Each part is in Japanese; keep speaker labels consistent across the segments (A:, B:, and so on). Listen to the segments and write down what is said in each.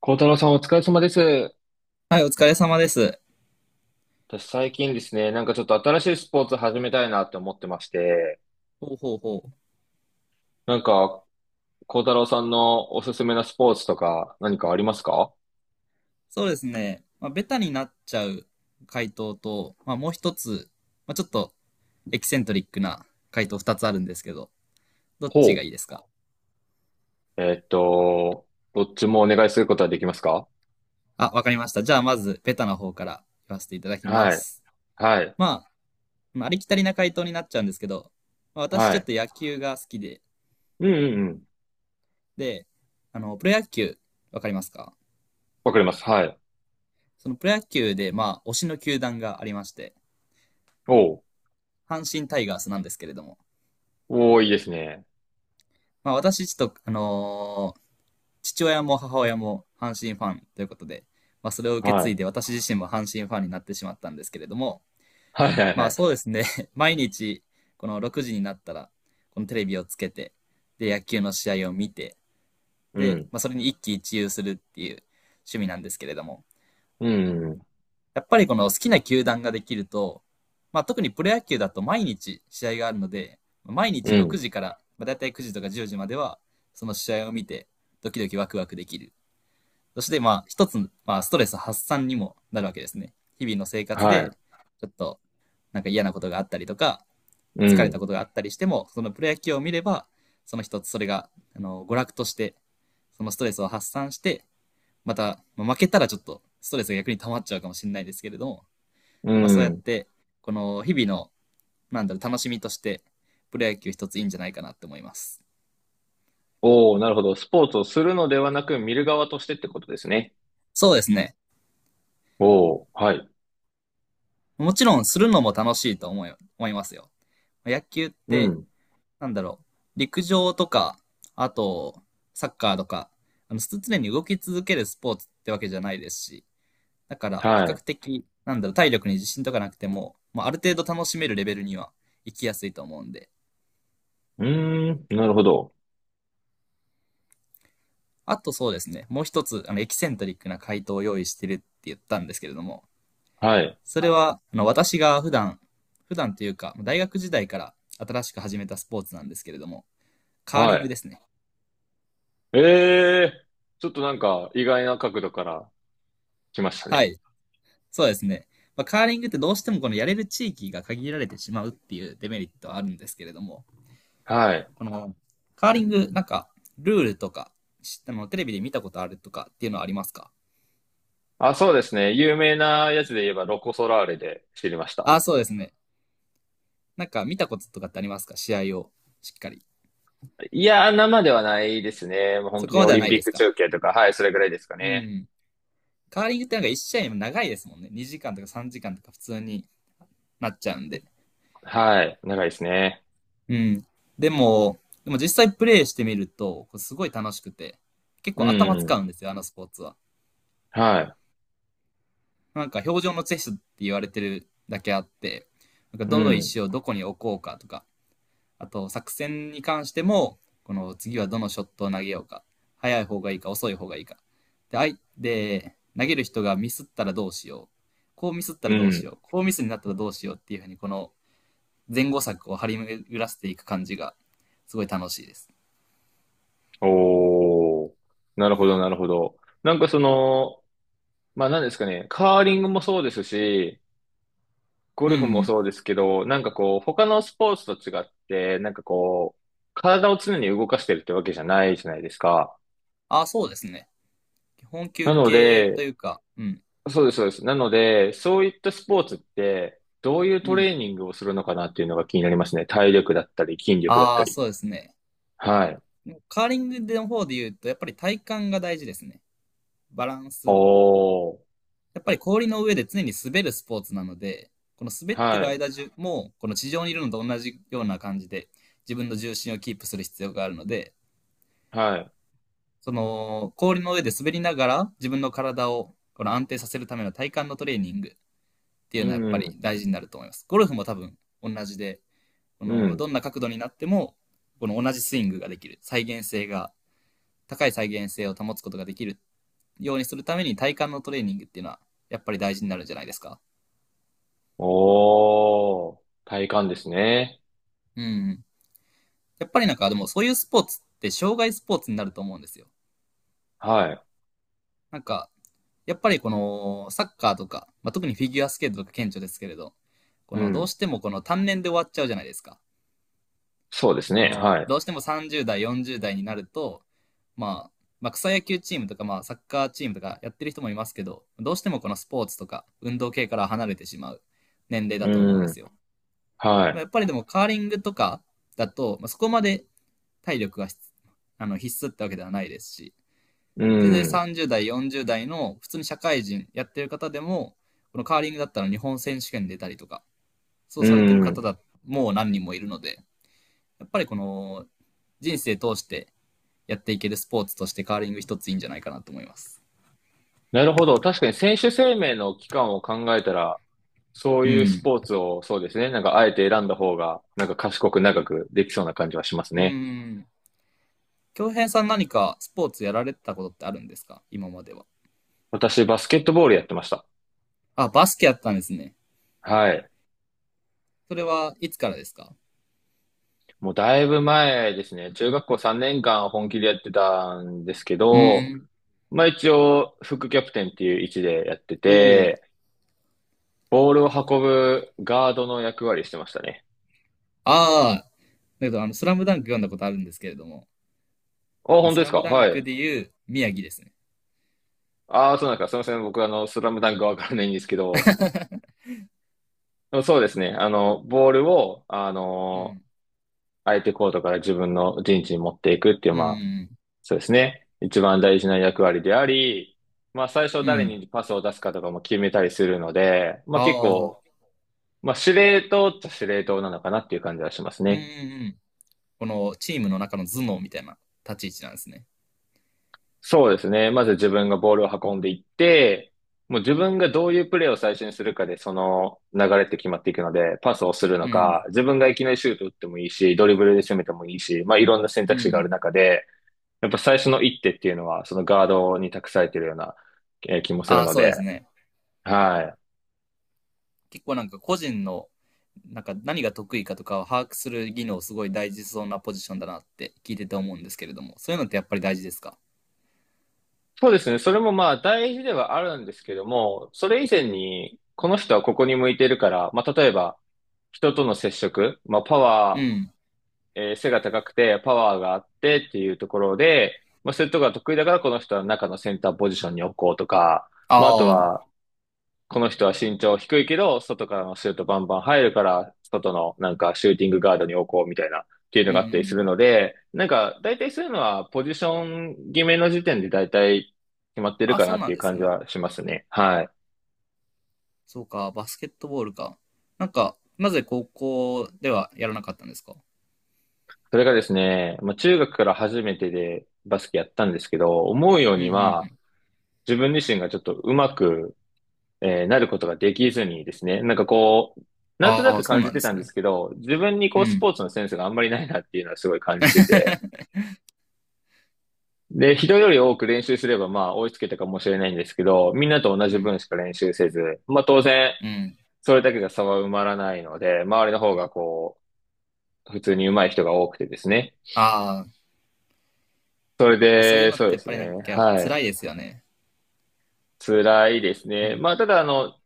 A: 孝太郎さんお疲れ様です。
B: はい、お疲れ様です。
A: 私最近ですね、なんかちょっと新しいスポーツ始めたいなって思ってまして、
B: ほうほうほう。
A: なんか孝太郎さんのおすすめなスポーツとか何かありますか？
B: そうですね。ベタになっちゃう回答と、もう一つ、ちょっとエキセントリックな回答二つあるんですけど、どっ
A: ほ
B: ちがいいですか？
A: う。どっちもお願いすることはできますか？
B: あ、わかりました。じゃあ、まず、ベタな方から言わせていただきま
A: はい。
B: す。
A: はい。
B: まあ、まあ、ありきたりな回答になっちゃうんですけど、私
A: は
B: ちょっ
A: い。
B: と野球が好きで、
A: うんうんうん。
B: で、プロ野球、わかりますか？
A: わかります。はい。
B: そのプロ野球で、推しの球団がありまして、
A: おう。
B: 阪神タイガースなんですけれども、
A: おー、いいですね。
B: 私ちょっと、父親も母親も阪神ファンということで、それを受け
A: は
B: 継い
A: い。
B: で私自身も阪神ファンになってしまったんですけれども、
A: はいはい
B: ま
A: は
B: あ
A: い。
B: そうですね、毎日この6時になったら、このテレビをつけて、で、野球の試合を見て、
A: う
B: で、
A: ん。
B: それに一喜一憂するっていう趣味なんですけれども、
A: うん。
B: やっぱりこの好きな球団ができると、特にプロ野球だと毎日試合があるので、毎
A: う
B: 日6
A: ん。
B: 時から、だいたい9時とか10時までは、その試合を見て、ドキドキワクワクできる。そして、一つ、ストレス発散にもなるわけですね。日々の生活
A: はい。
B: で、ちょっと、なんか嫌なことがあったりとか、
A: う
B: 疲れた
A: ん。
B: ことがあったりしても、そのプロ野球を見れば、その一つ、それが、娯楽として、そのストレスを発散して、また、まあ負けたらちょっと、ストレスが逆に溜まっちゃうかもしれないですけれども、
A: う
B: そうやっ
A: ん。
B: て、この、日々の、なんだろう、楽しみとして、プロ野球一ついいんじゃないかなって思います。
A: おー、なるほど。スポーツをするのではなく見る側としてってことですね。
B: そうですね。
A: おー、はい。
B: もちろん、するのも楽しいと思いますよ。野球っ
A: う
B: て、
A: ん。
B: なんだろう、陸上とか、あと、サッカーとか、常に動き続けるスポーツってわけじゃないですし、だから、比
A: は
B: 較
A: い。
B: 的、なんだろう、体力に自信とかなくても、ある程度楽しめるレベルには行きやすいと思うんで、
A: うーん、なるほど。
B: あとそうですね、もう一つ、エキセントリックな回答を用意してるって言ったんですけれども、
A: はい。
B: それは、私が普段、普段というか、大学時代から新しく始めたスポーツなんですけれども、カー
A: は
B: リング
A: い。
B: ですね。
A: ええーちょっとなんか意外な角度から来ました
B: は
A: ね。
B: い。そうですね。カーリングってどうしてもこのやれる地域が限られてしまうっていうデメリットはあるんですけれども、
A: はい。
B: このカーリング、なんかルールとか、しテレビで見たことあるとかっていうのはありますか？
A: あ、そうですね。有名なやつで言えばロコ・ソラーレで知りました。
B: ああ、そうですね。なんか見たこととかってありますか、試合をしっかり。
A: いやー、生ではないですね。もう本
B: そ
A: 当
B: こ
A: に
B: ま
A: オ
B: では
A: リ
B: な
A: ンピ
B: い
A: ッ
B: です
A: ク
B: か？
A: 中継とか、はい、それぐらいですか
B: う
A: ね。
B: ん。カーリングってなんか1試合も長いですもんね。2時間とか3時間とか普通になっちゃうんで。
A: はい。長いですね。
B: うん。でも、でも実際プレイしてみると、こうすごい楽しくて、結
A: う
B: 構頭使
A: ん。
B: うんですよ、あのスポーツは。
A: はい。
B: なんか表情のチェスって言われてるだけあって、なんか
A: う
B: どの
A: ん。
B: 石をどこに置こうかとか、あと作戦に関しても、この次はどのショットを投げようか、早い方がいいか遅い方がいいか。で、あいで投げる人がミスったらどうしよう。こうミスった
A: う
B: らどうし
A: ん。
B: よう。こうミスになったらどうしようっていうふうに、この前後策を張り巡らせていく感じが、すごい楽しいです。
A: おー。なるほど、なるほど。なんかその、まあ何ですかね。カーリングもそうですし、ゴ
B: う
A: ルフも
B: ん。
A: そうですけど、なんかこう、他のスポーツと違って、なんかこう、体を常に動かしてるってわけじゃないじゃないですか。
B: ああ、そうですね。基本休
A: なの
B: 憩と
A: で、
B: いうか、うん。
A: そうです、そうです。なので、そういったスポーツって、どういう
B: う
A: ト
B: ん。
A: レーニングをするのかなっていうのが気になりますね。体力だったり、筋力だっ
B: あ
A: た
B: あ、
A: り。
B: そうですね。
A: はい。
B: カーリングの方で言うと、やっぱり体幹が大事ですね。バランス。
A: おー。
B: やっぱり氷の上で常に滑るスポーツなので、この滑って
A: は
B: る
A: い。
B: 間中も、この地上にいるのと同じような感じで、自分の重心をキープする必要があるので、
A: はい。
B: その氷の上で滑りながら自分の体をこの安定させるための体幹のトレーニングってい
A: う
B: うのはや
A: ん、
B: っぱ
A: う
B: り
A: ん。
B: 大事になると思います。ゴルフも多分同じで、こ
A: う
B: の
A: ん。
B: どんな角度になってもこの同じスイングができる、再現性が、高い再現性を保つことができるっようにするために体幹のトレーニングっていうのは、やっぱり大事になるんじゃないですか。
A: おー。体幹ですね。
B: うん。やっぱりなんか、でもそういうスポーツって、障害スポーツになると思うんですよ。
A: はい。
B: なんか、やっぱりこの、サッカーとか、特にフィギュアスケートとか顕著ですけれど、こ
A: う
B: の、どう
A: ん。
B: してもこの単年で終わっちゃうじゃないですか。
A: そうです
B: こ
A: ね。
B: の、
A: はい。
B: どうしても30代、40代になると、まあ、まあ、草野球チームとか、サッカーチームとかやってる人もいますけど、どうしてもこのスポーツとか運動系から離れてしまう年齢だと思うん
A: う
B: です
A: ん。
B: よ。
A: はい。
B: やっぱりでもカーリングとかだと、そこまで体力が必あの必須ってわけではないですし、
A: う
B: 全然
A: ん。
B: 30代、40代の普通に社会人やってる方でも、このカーリングだったら日本選手権出たりとか、そう
A: う
B: されてる方
A: ん。
B: だもう何人もいるので、やっぱりこの人生通してやっていけるスポーツとしてカーリング一ついいんじゃないかなと思います。
A: なるほど。確かに選手生命の期間を考えたら、そう
B: う
A: いうス
B: ん。
A: ポーツをそうですね。なんかあえて選んだ方が、なんか賢く長くできそうな感じはします
B: う
A: ね。
B: ん。京平さん何かスポーツやられてたことってあるんですか、今までは。
A: 私、バスケットボールやってました。
B: あ、バスケやったんですね。
A: はい。
B: それはいつからですか？
A: もうだいぶ前ですね。中学校3年間本気でやってたんですけ
B: う
A: ど、
B: ん。
A: まあ一応、副キャプテンっていう位置でやって
B: おお、
A: て、ボールを運ぶガードの役割してましたね。
B: ああ、だけど、スラムダンク読んだことあるんですけれども、
A: あ、本当
B: ス
A: で
B: ラ
A: すか？
B: ムダン
A: は
B: ク
A: い。
B: で言う宮城ですね。
A: ああ、そうなんですか。すみません。僕、スラムダンクわからないんですけど、そうですね。ボールを、
B: うん。
A: 相手コートから自分の陣地に持っていくっていう、
B: うん。
A: まあ、
B: う
A: そうですね。一番大事な役割であり、まあ、最初
B: ん。う
A: 誰
B: ん。
A: にパスを出すかとかも決めたりするので、まあ、
B: あ
A: 結
B: あ、うん
A: 構、まあ、司令塔っちゃ司令塔なのかなっていう感じはします
B: うんう
A: ね。
B: ん。このチームの中の頭脳みたいな立ち位置なんですね。
A: そうですね。まず自分がボールを運んでいって、もう自分がどういうプレーを最初にするかで、その流れって決まっていくので、パスをするの
B: う
A: か、
B: ん。
A: 自分がいきなりシュート打ってもいいし、ドリブルで攻めてもいいし、まあいろんな選
B: う
A: 択肢がある
B: ん。
A: 中で、やっぱ最初の一手っていうのは、そのガードに託されているような、気もする
B: ああ、
A: の
B: そうです
A: で、
B: ね。
A: はい。
B: 結構なんか個人の、なんか何が得意かとかを把握する技能すごい大事そうなポジションだなって聞いてて思うんですけれども、そういうのってやっぱり大事ですか？
A: そうですね。それもまあ大事ではあるんですけども、それ以前に、この人はここに向いてるから、まあ例えば、人との接触、まあ、パ
B: う
A: ワ
B: ん。
A: えー背が高くてパワーがあってっていうところで、まあ、そういうところが得意だからこの人は中のセンターポジションに置こうとか、まあ、あと
B: ああ、うん
A: はこの人は身長低いけど、外からのシュートバンバン入るから、外のなんかシューティングガードに置こうみたいなっていう
B: う
A: の
B: んう
A: があったりする
B: ん。
A: ので、なんか大体そういうのはポジション決めの時点で大体決まってる
B: あ、
A: か
B: そ
A: な
B: う
A: っ
B: な
A: て
B: ん
A: いう
B: です
A: 感じ
B: ね。
A: はしますね。はい。
B: そうか、バスケットボールか。なんか、なぜ高校ではやらなかったんですか？
A: それがですね、まあ、中学から初めてでバスケやったんですけど、思うよう
B: うんう
A: に
B: んう
A: は
B: ん。
A: 自分自身がちょっとうまくなることができずにですね、なんかこう、なんとな
B: あ
A: く
B: あ、そう
A: 感
B: な
A: じ
B: ん
A: て
B: で
A: た
B: す
A: んで
B: ね。
A: すけど、自分にこ
B: う
A: うス
B: ん。
A: ポーツのセンスがあんまりないなっていうのはすごい感じてて、で、人より多く練習すればまあ追いつけたかもしれないんですけど、みんなと同
B: う
A: じ
B: ん。
A: 分しか練習せず、まあ当然、
B: うん。
A: それだけが差は埋まらないので、周りの方がこう、普通に上手い人が多くてですね。
B: ああ、
A: それ
B: いやそういう
A: で、
B: のっ
A: そう
B: て
A: で
B: やっ
A: す
B: ぱ
A: ね。
B: りなんか
A: はい。
B: 辛いですよね。
A: 辛いです
B: う
A: ね。ま
B: ん。
A: あ、ただ、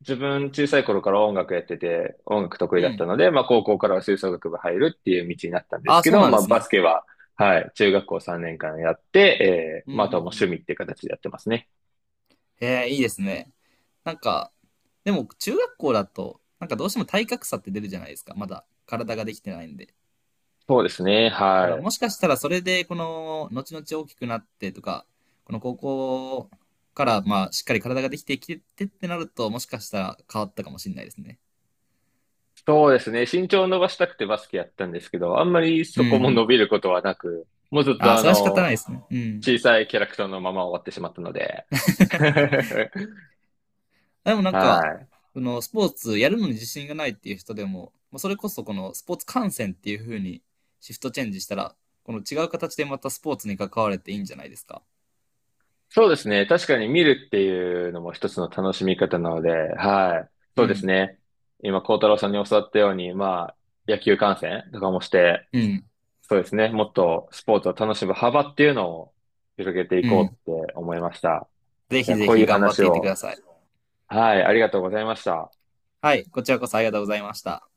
A: 自分小さい頃から音楽やってて、音楽得
B: う
A: 意だっ
B: ん。
A: たので、まあ高校からは吹奏楽部入るっていう道になったんで
B: あ
A: す
B: あ、
A: け
B: そう
A: ど、
B: なん
A: ま
B: で
A: あ
B: す
A: バス
B: ね。
A: ケは、はい、中学校3年間やって、
B: うんうん
A: まああ
B: う
A: とはもう趣
B: ん。
A: 味っていう形でやってますね。
B: へえ、いいですね。なんか、でも中学校だと、なんかどうしても体格差って出るじゃないですか。まだ体ができてないんで。
A: そうですね、
B: だ
A: は
B: から
A: い。
B: もしかしたらそれで、この、後々大きくなってとか、この高校から、しっかり体ができてきてってってなると、もしかしたら変わったかもしれないですね。
A: そうですね、身長を伸ばしたくてバスケやったんですけど、あんまり
B: う
A: そこも
B: ん。
A: 伸びることはなく、もうずっ
B: あ
A: と
B: あ、それは仕方ないですね。うん。
A: 小さいキャラクターのまま終わってしまったので、
B: でもなんか、
A: はい。
B: その、スポーツやるのに自信がないっていう人でも、それこそこのスポーツ観戦っていう風にシフトチェンジしたら、この違う形でまたスポーツに関われていいんじゃないですか。
A: そうですね。確かに見るっていうのも一つの楽しみ方なので、はい。
B: う
A: そうです
B: ん。
A: ね。今、孝太郎さんに教わったように、まあ、野球観戦とかもして、
B: うん。
A: そうですね。もっとスポーツを楽しむ幅っていうのを広げてい
B: う
A: こ
B: ん。
A: うって思いました。
B: ぜ
A: い
B: ひ
A: や、
B: ぜ
A: 濃
B: ひ
A: い
B: 頑張っ
A: 話
B: ていってくだ
A: を、
B: さい。
A: はい、ありがとうございました。
B: はい。こちらこそありがとうございました。